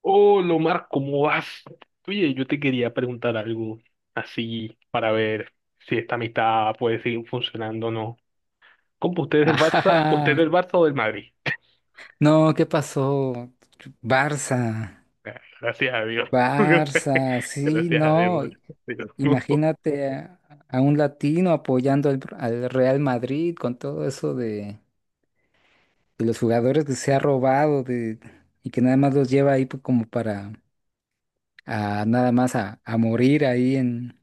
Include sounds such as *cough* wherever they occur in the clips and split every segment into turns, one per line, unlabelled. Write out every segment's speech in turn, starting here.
Hola Omar, ¿cómo vas? Oye, yo te quería preguntar algo así para ver si esta amistad puede seguir funcionando o no. ¿Cómo usted es del Barça? ¿Usted es
Ah,
del Barça o del Madrid?
no, ¿qué pasó? Barça,
Gracias a Dios.
Barça,
*laughs*
sí,
Gracias a
no.
Dios. *laughs*
Imagínate a un latino apoyando al Real Madrid con todo eso de los jugadores que se ha robado y que nada más los lleva ahí pues, como para nada más a morir ahí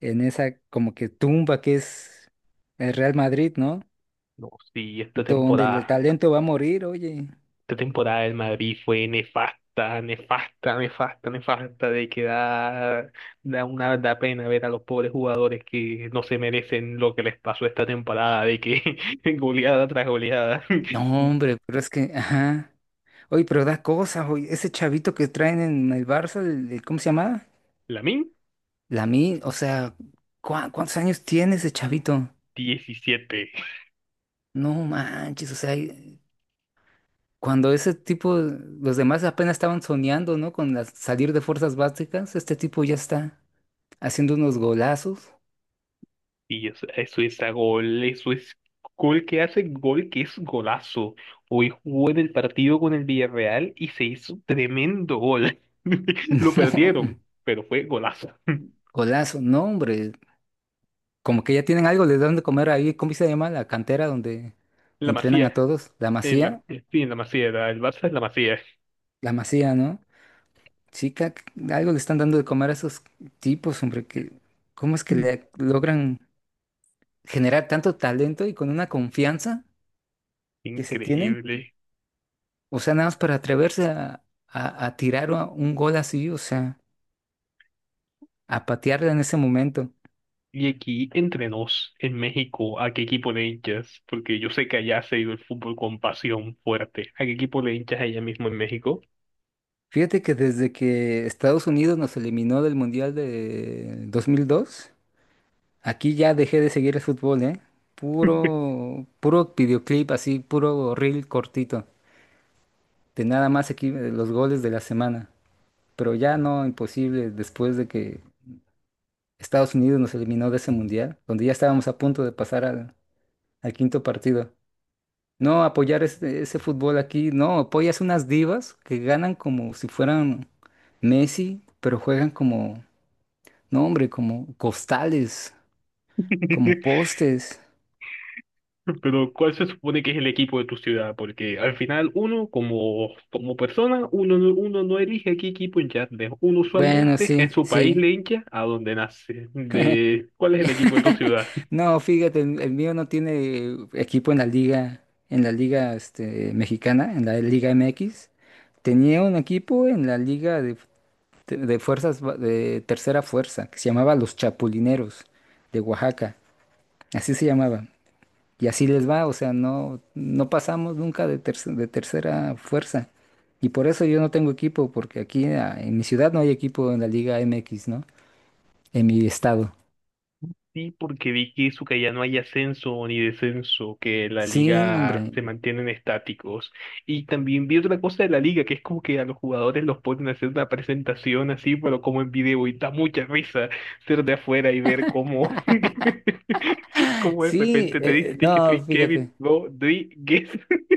en esa como que tumba que es el Real Madrid, ¿no?
No, sí,
Donde el talento va a morir, oye.
esta temporada del Madrid fue nefasta, nefasta, nefasta, nefasta, de que da pena ver a los pobres jugadores que no se merecen lo que les pasó esta temporada, de que *laughs* goleada tras goleada.
No,
*laughs*
hombre, pero es que, ajá. Oye, pero da cosas, oye, ese chavito que traen en el Barça, ¿cómo se llama?
Lamine,
Lamine, o sea, ¿cuántos años tiene ese chavito?
17.
No manches, o sea, cuando ese tipo, los demás apenas estaban soñando, ¿no? Con salir de fuerzas básicas, este tipo ya está haciendo unos golazos.
Y eso es a gol, eso es gol que hace gol que es golazo. Hoy jugó en el partido con el Villarreal y se hizo tremendo gol. *laughs* Lo perdieron,
*laughs* No,
pero fue golazo. *laughs*
golazo, no, hombre, como que ya tienen algo, les dan de comer ahí, ¿cómo se llama? La cantera donde
La
entrenan a
Masía.
todos,
En la, sí, en la Masía, el Barça es la Masía.
La Masía, ¿no? Chica, algo le están dando de comer a esos tipos, hombre, que cómo es que
*laughs*
le logran generar tanto talento y con una confianza que se tienen,
Increíble.
o sea, nada más para atreverse a tirar un gol así, o sea, a patearla en ese momento.
Y aquí, entre nos, en México, ¿a qué equipo le hinchas? Porque yo sé que allá se ha el fútbol con pasión fuerte. ¿A qué equipo le hinchas allá mismo en México?
Fíjate que desde que Estados Unidos nos eliminó del Mundial de 2002, aquí ya dejé de seguir el fútbol, ¿eh? Puro videoclip así, puro reel cortito, de nada más aquí los goles de la semana. Pero ya no, imposible después de que Estados Unidos nos eliminó de ese mundial, donde ya estábamos a punto de pasar al quinto partido. No, apoyar ese fútbol aquí, no, apoyas unas divas que ganan como si fueran Messi, pero juegan como, no hombre, como costales, como
*laughs*
postes.
Pero, ¿cuál se supone que es el equipo de tu ciudad? Porque al final uno, como, como persona, uno, uno no elige a qué equipo hincharle. Uno
Bueno,
usualmente en
sí,
su país
sí.
le hincha a donde nace. De, ¿cuál es el equipo de tu ciudad?
*laughs* No, fíjate, el mío no tiene equipo en la liga mexicana, en la Liga MX. Tenía un equipo en la liga de fuerzas de tercera fuerza, que se llamaba Los Chapulineros de Oaxaca. Así se llamaba. Y así les va, o sea, no pasamos nunca de tercera fuerza. Y por eso yo no tengo equipo, porque aquí en mi ciudad no hay equipo en la Liga MX, ¿no? En mi estado.
Sí, porque vi que eso, que ya no hay ascenso ni descenso, que la
Sí,
liga
hombre.
se mantienen estáticos. Y también vi otra cosa de la liga, que es como que a los jugadores los ponen a hacer una presentación así, pero como en video, y da mucha risa ser de afuera y ver cómo, *laughs* cómo de
Sí,
repente te dicen que
no,
soy
fíjate.
Kevin Rodríguez. *laughs*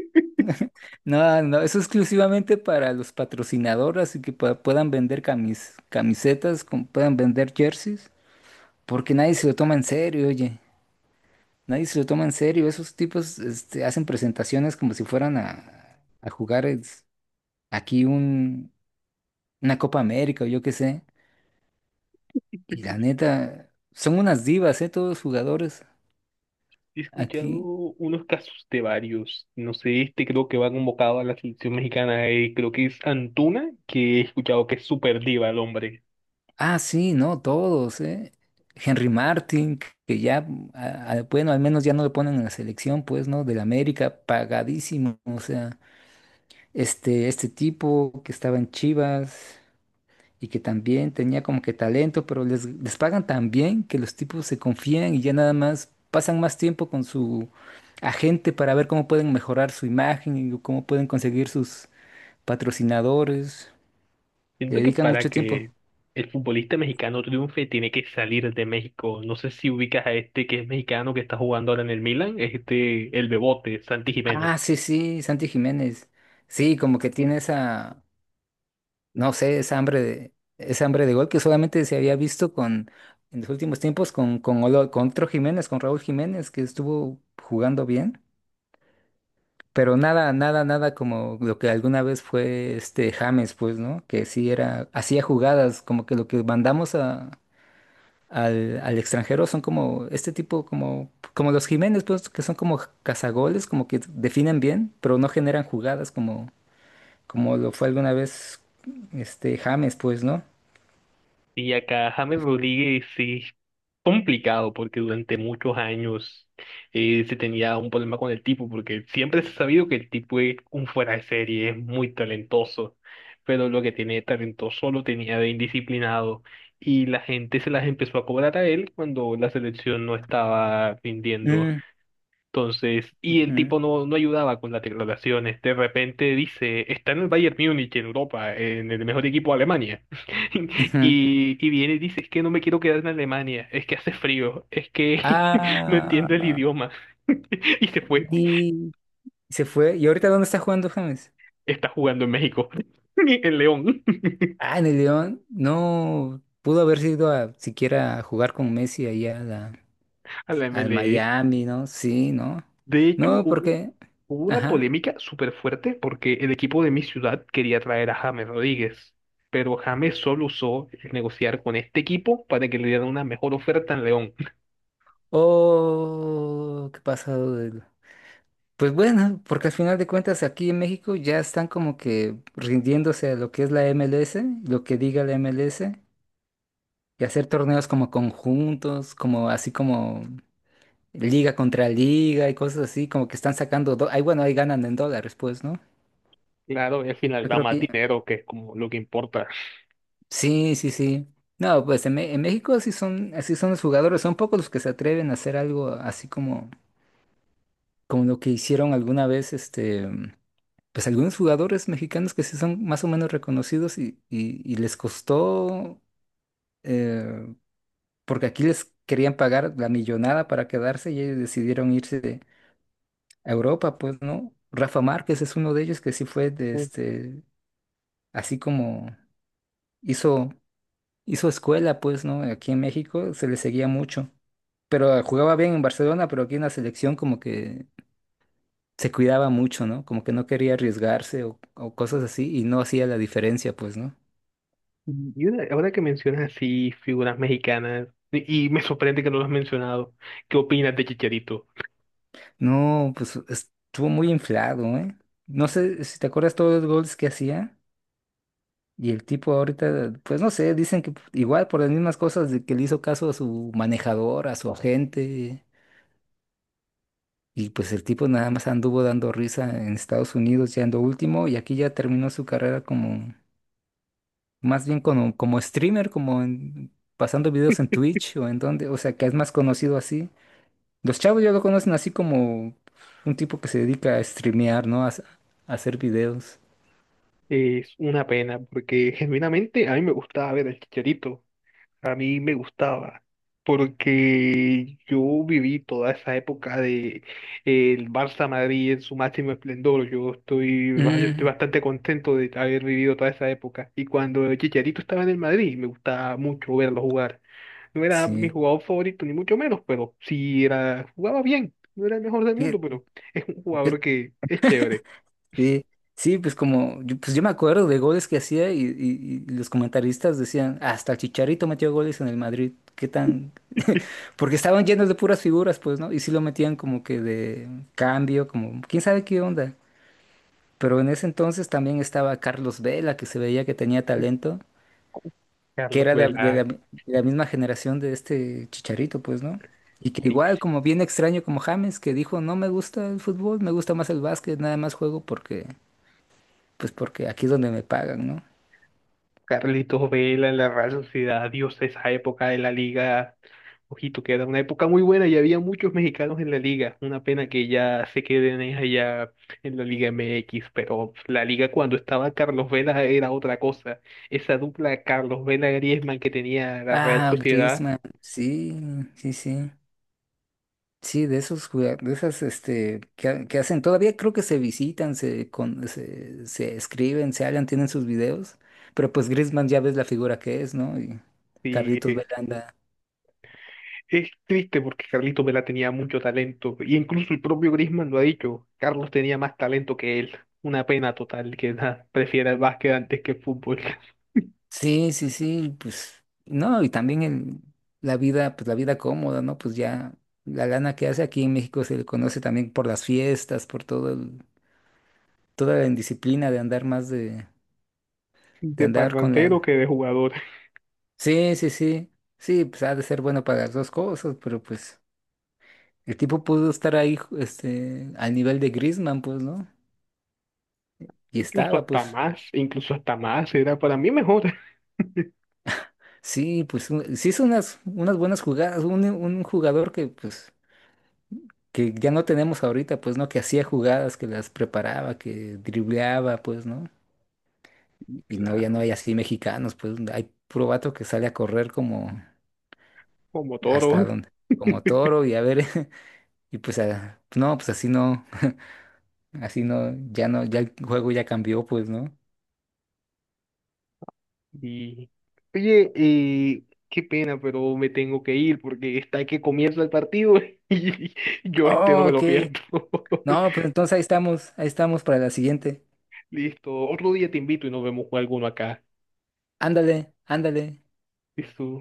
No, no, eso es exclusivamente para los patrocinadores y que puedan vender camisetas, puedan vender jerseys, porque nadie se lo toma en serio, oye. Nadie se lo toma en serio. Esos tipos, hacen presentaciones como si fueran a jugar aquí una Copa América o yo qué sé. Y la neta, son unas divas, ¿eh? Todos los jugadores
He escuchado
aquí.
unos casos de varios. No sé, creo que va convocado a la selección mexicana, creo que es Antuna, que he escuchado que es súper diva el hombre.
Ah, sí, no, todos, ¿eh? Henry Martin, que ya, bueno, al menos ya no le ponen en la selección, pues, ¿no? Del América, pagadísimo. O sea, este tipo que estaba en Chivas y que también tenía como que talento, pero les pagan tan bien que los tipos se confían y ya nada más pasan más tiempo con su agente para ver cómo pueden mejorar su imagen y cómo pueden conseguir sus patrocinadores. Le
Siento que
dedican
para
mucho tiempo.
que el futbolista mexicano triunfe tiene que salir de México. No sé si ubicas a este que es mexicano que está jugando ahora en el Milan, el Bebote, Santi Jiménez.
Ah, sí, sí, Santi Jiménez. Sí, como que tiene esa, no sé, esa hambre de gol que solamente se había visto en los últimos tiempos con otro Jiménez, con Raúl Jiménez, que estuvo jugando bien. Pero nada, nada, nada como lo que alguna vez fue este James, pues, ¿no? Que sí era, hacía jugadas, como que lo que mandamos al extranjero son como este tipo, como los Jiménez, pues, que son como cazagoles, como que definen bien, pero no generan jugadas como lo fue alguna vez este James, pues, ¿no?
Y acá James Rodríguez sí complicado porque durante muchos años se tenía un problema con el tipo, porque siempre se ha sabido que el tipo es un fuera de serie, es muy talentoso, pero lo que tiene de talentoso lo tenía de indisciplinado y la gente se las empezó a cobrar a él cuando la selección no estaba rindiendo.
Mm,
Entonces, y el
ujú,
tipo no ayudaba con las declaraciones. De repente dice, está en el Bayern Múnich, en Europa, en el mejor equipo de Alemania. *laughs*
ujú.
Y viene y dice, es que no me quiero quedar en Alemania, es que hace frío, es que *laughs* no
Ah,
entiendo el idioma. *laughs* Y se fue.
y se fue. ¿Y ahorita dónde está jugando James?
Está jugando en México, *laughs* en León,
Ah, en el León. No pudo haber sido a siquiera a jugar con Messi allá
*laughs* a la
al
MLS.
Miami, ¿no? Sí, ¿no?
De hecho,
No,
hubo,
porque.
hubo una
Ajá.
polémica súper fuerte porque el equipo de mi ciudad quería traer a James Rodríguez, pero James solo usó el negociar con este equipo para que le dieran una mejor oferta en León. *laughs*
Oh, qué pasado. Pues bueno, porque al final de cuentas aquí en México ya están como que rindiéndose a lo que es la MLS, lo que diga la MLS. Y hacer torneos como conjuntos, como así como liga contra liga y cosas así, como que están sacando, ahí bueno, ahí ganan en dólares, pues, ¿no?
Claro, y al final
Yo
da
creo
más
que
dinero, que es como lo que importa.
sí, sí, sí. No, pues en México así son los jugadores, son pocos los que se atreven a hacer algo así como, como lo que hicieron alguna vez, pues algunos jugadores mexicanos que sí son más o menos reconocidos y les costó, eh, porque aquí les querían pagar la millonada para quedarse y ellos decidieron irse a Europa, pues, ¿no? Rafa Márquez es uno de ellos que sí fue
Mm.
así como hizo, hizo escuela, pues, ¿no? Aquí en México se le seguía mucho. Pero jugaba bien en Barcelona, pero aquí en la selección como que se cuidaba mucho, ¿no? Como que no quería arriesgarse o cosas así y no hacía la diferencia, pues, ¿no?
Ahora que mencionas así figuras mexicanas, y me sorprende que no lo has mencionado, ¿qué opinas de Chicharito?
No, pues estuvo muy inflado, ¿eh? No sé si te acuerdas todos los goles que hacía. Y el tipo ahorita, pues no sé, dicen que igual por las mismas cosas de que le hizo caso a su manejador, a su agente, y pues el tipo nada más anduvo dando risa en Estados Unidos ya en lo último, y aquí ya terminó su carrera como, más bien como streamer, pasando videos en Twitch o en donde, o sea, que es más conocido así. Los chavos ya lo conocen así como un tipo que se dedica a streamear, ¿no? A hacer videos.
Es una pena porque genuinamente a mí me gustaba ver al Chicharito. A mí me gustaba, porque yo viví toda esa época de el Barça Madrid en su máximo esplendor. Yo estoy
Mm,
bastante contento de haber vivido toda esa época. Y cuando Chicharito estaba en el Madrid, me gustaba mucho verlo jugar. No era mi
sí.
jugador favorito, ni mucho menos, pero sí era, jugaba bien. No era el mejor del mundo,
Fíjate.
pero es un
Yo.
jugador que es chévere.
Sí, sí, pues como, pues yo me acuerdo de goles que hacía y los comentaristas decían, hasta el Chicharito metió goles en el Madrid, qué tan, *laughs* porque estaban llenos de puras figuras, pues, ¿no? Y sí lo metían como que de cambio, como, quién sabe qué onda. Pero en ese entonces también estaba Carlos Vela, que se veía que tenía talento, que
Carlos
era
Vela,
de la misma generación de este Chicharito, pues, ¿no? Y que
sí,
igual,
sí.
como bien extraño como James, que dijo, no me gusta el fútbol, me gusta más el básquet, nada más juego porque aquí es donde me pagan, ¿no?
Carlitos Vela en la Real Sociedad, Dios, esa época de la liga. Ojito, que era una época muy buena y había muchos mexicanos en la liga. Una pena que ya se queden es allá en la Liga MX, pero la liga cuando estaba Carlos Vela era otra cosa. Esa dupla Carlos Vela-Griezmann que tenía la Real
Ah,
Sociedad,
Griezmann, sí, sí, sí. Sí, de esas que, que hacen, todavía creo que se visitan, se escriben, se hablan, tienen sus videos, pero pues Griezmann ya ves la figura que es, ¿no? Y
sí,
Carlitos
es,
Belanda.
es triste porque Carlitos Vela tenía mucho talento. Y incluso el propio Griezmann lo ha dicho, Carlos tenía más talento que él. Una pena total que *laughs* nada, prefiera el básquet antes que el fútbol, *laughs*
Sí, sí, sí, pues no, y también la vida, pues la vida cómoda, ¿no? Pues ya la lana que hace aquí en México se le conoce también por las fiestas, toda la indisciplina de andar más de
de
andar con
parlantero
la...
que de jugador.
Sí, sí, sí. Sí, pues ha de ser bueno para las dos cosas, pero pues el tipo pudo estar ahí, al nivel de Griezmann, pues, ¿no? Y
Incluso
estaba,
hasta
pues.
más, incluso hasta más, era para mí mejor. *laughs*
Sí, pues sí hizo unas buenas jugadas. Un jugador que, pues, que ya no tenemos ahorita, pues, ¿no? Que hacía jugadas, que las preparaba, que dribleaba, pues, ¿no? Y no, ya no
Claro,
hay así mexicanos, pues, hay puro vato que sale a correr como
como toro.
hasta donde, como toro
*laughs*
y a ver, *laughs* y pues, no, pues así no. Así no, ya no, ya el juego ya cambió, pues, ¿no?
Y, oye, qué pena, pero me tengo que ir porque está que comienza el partido *laughs* y yo no
Oh,
me
ok.
lo pierdo. *laughs*
No, pues entonces ahí estamos para la siguiente.
Listo, otro día te invito y nos vemos con alguno acá.
Ándale, ándale.
Listo.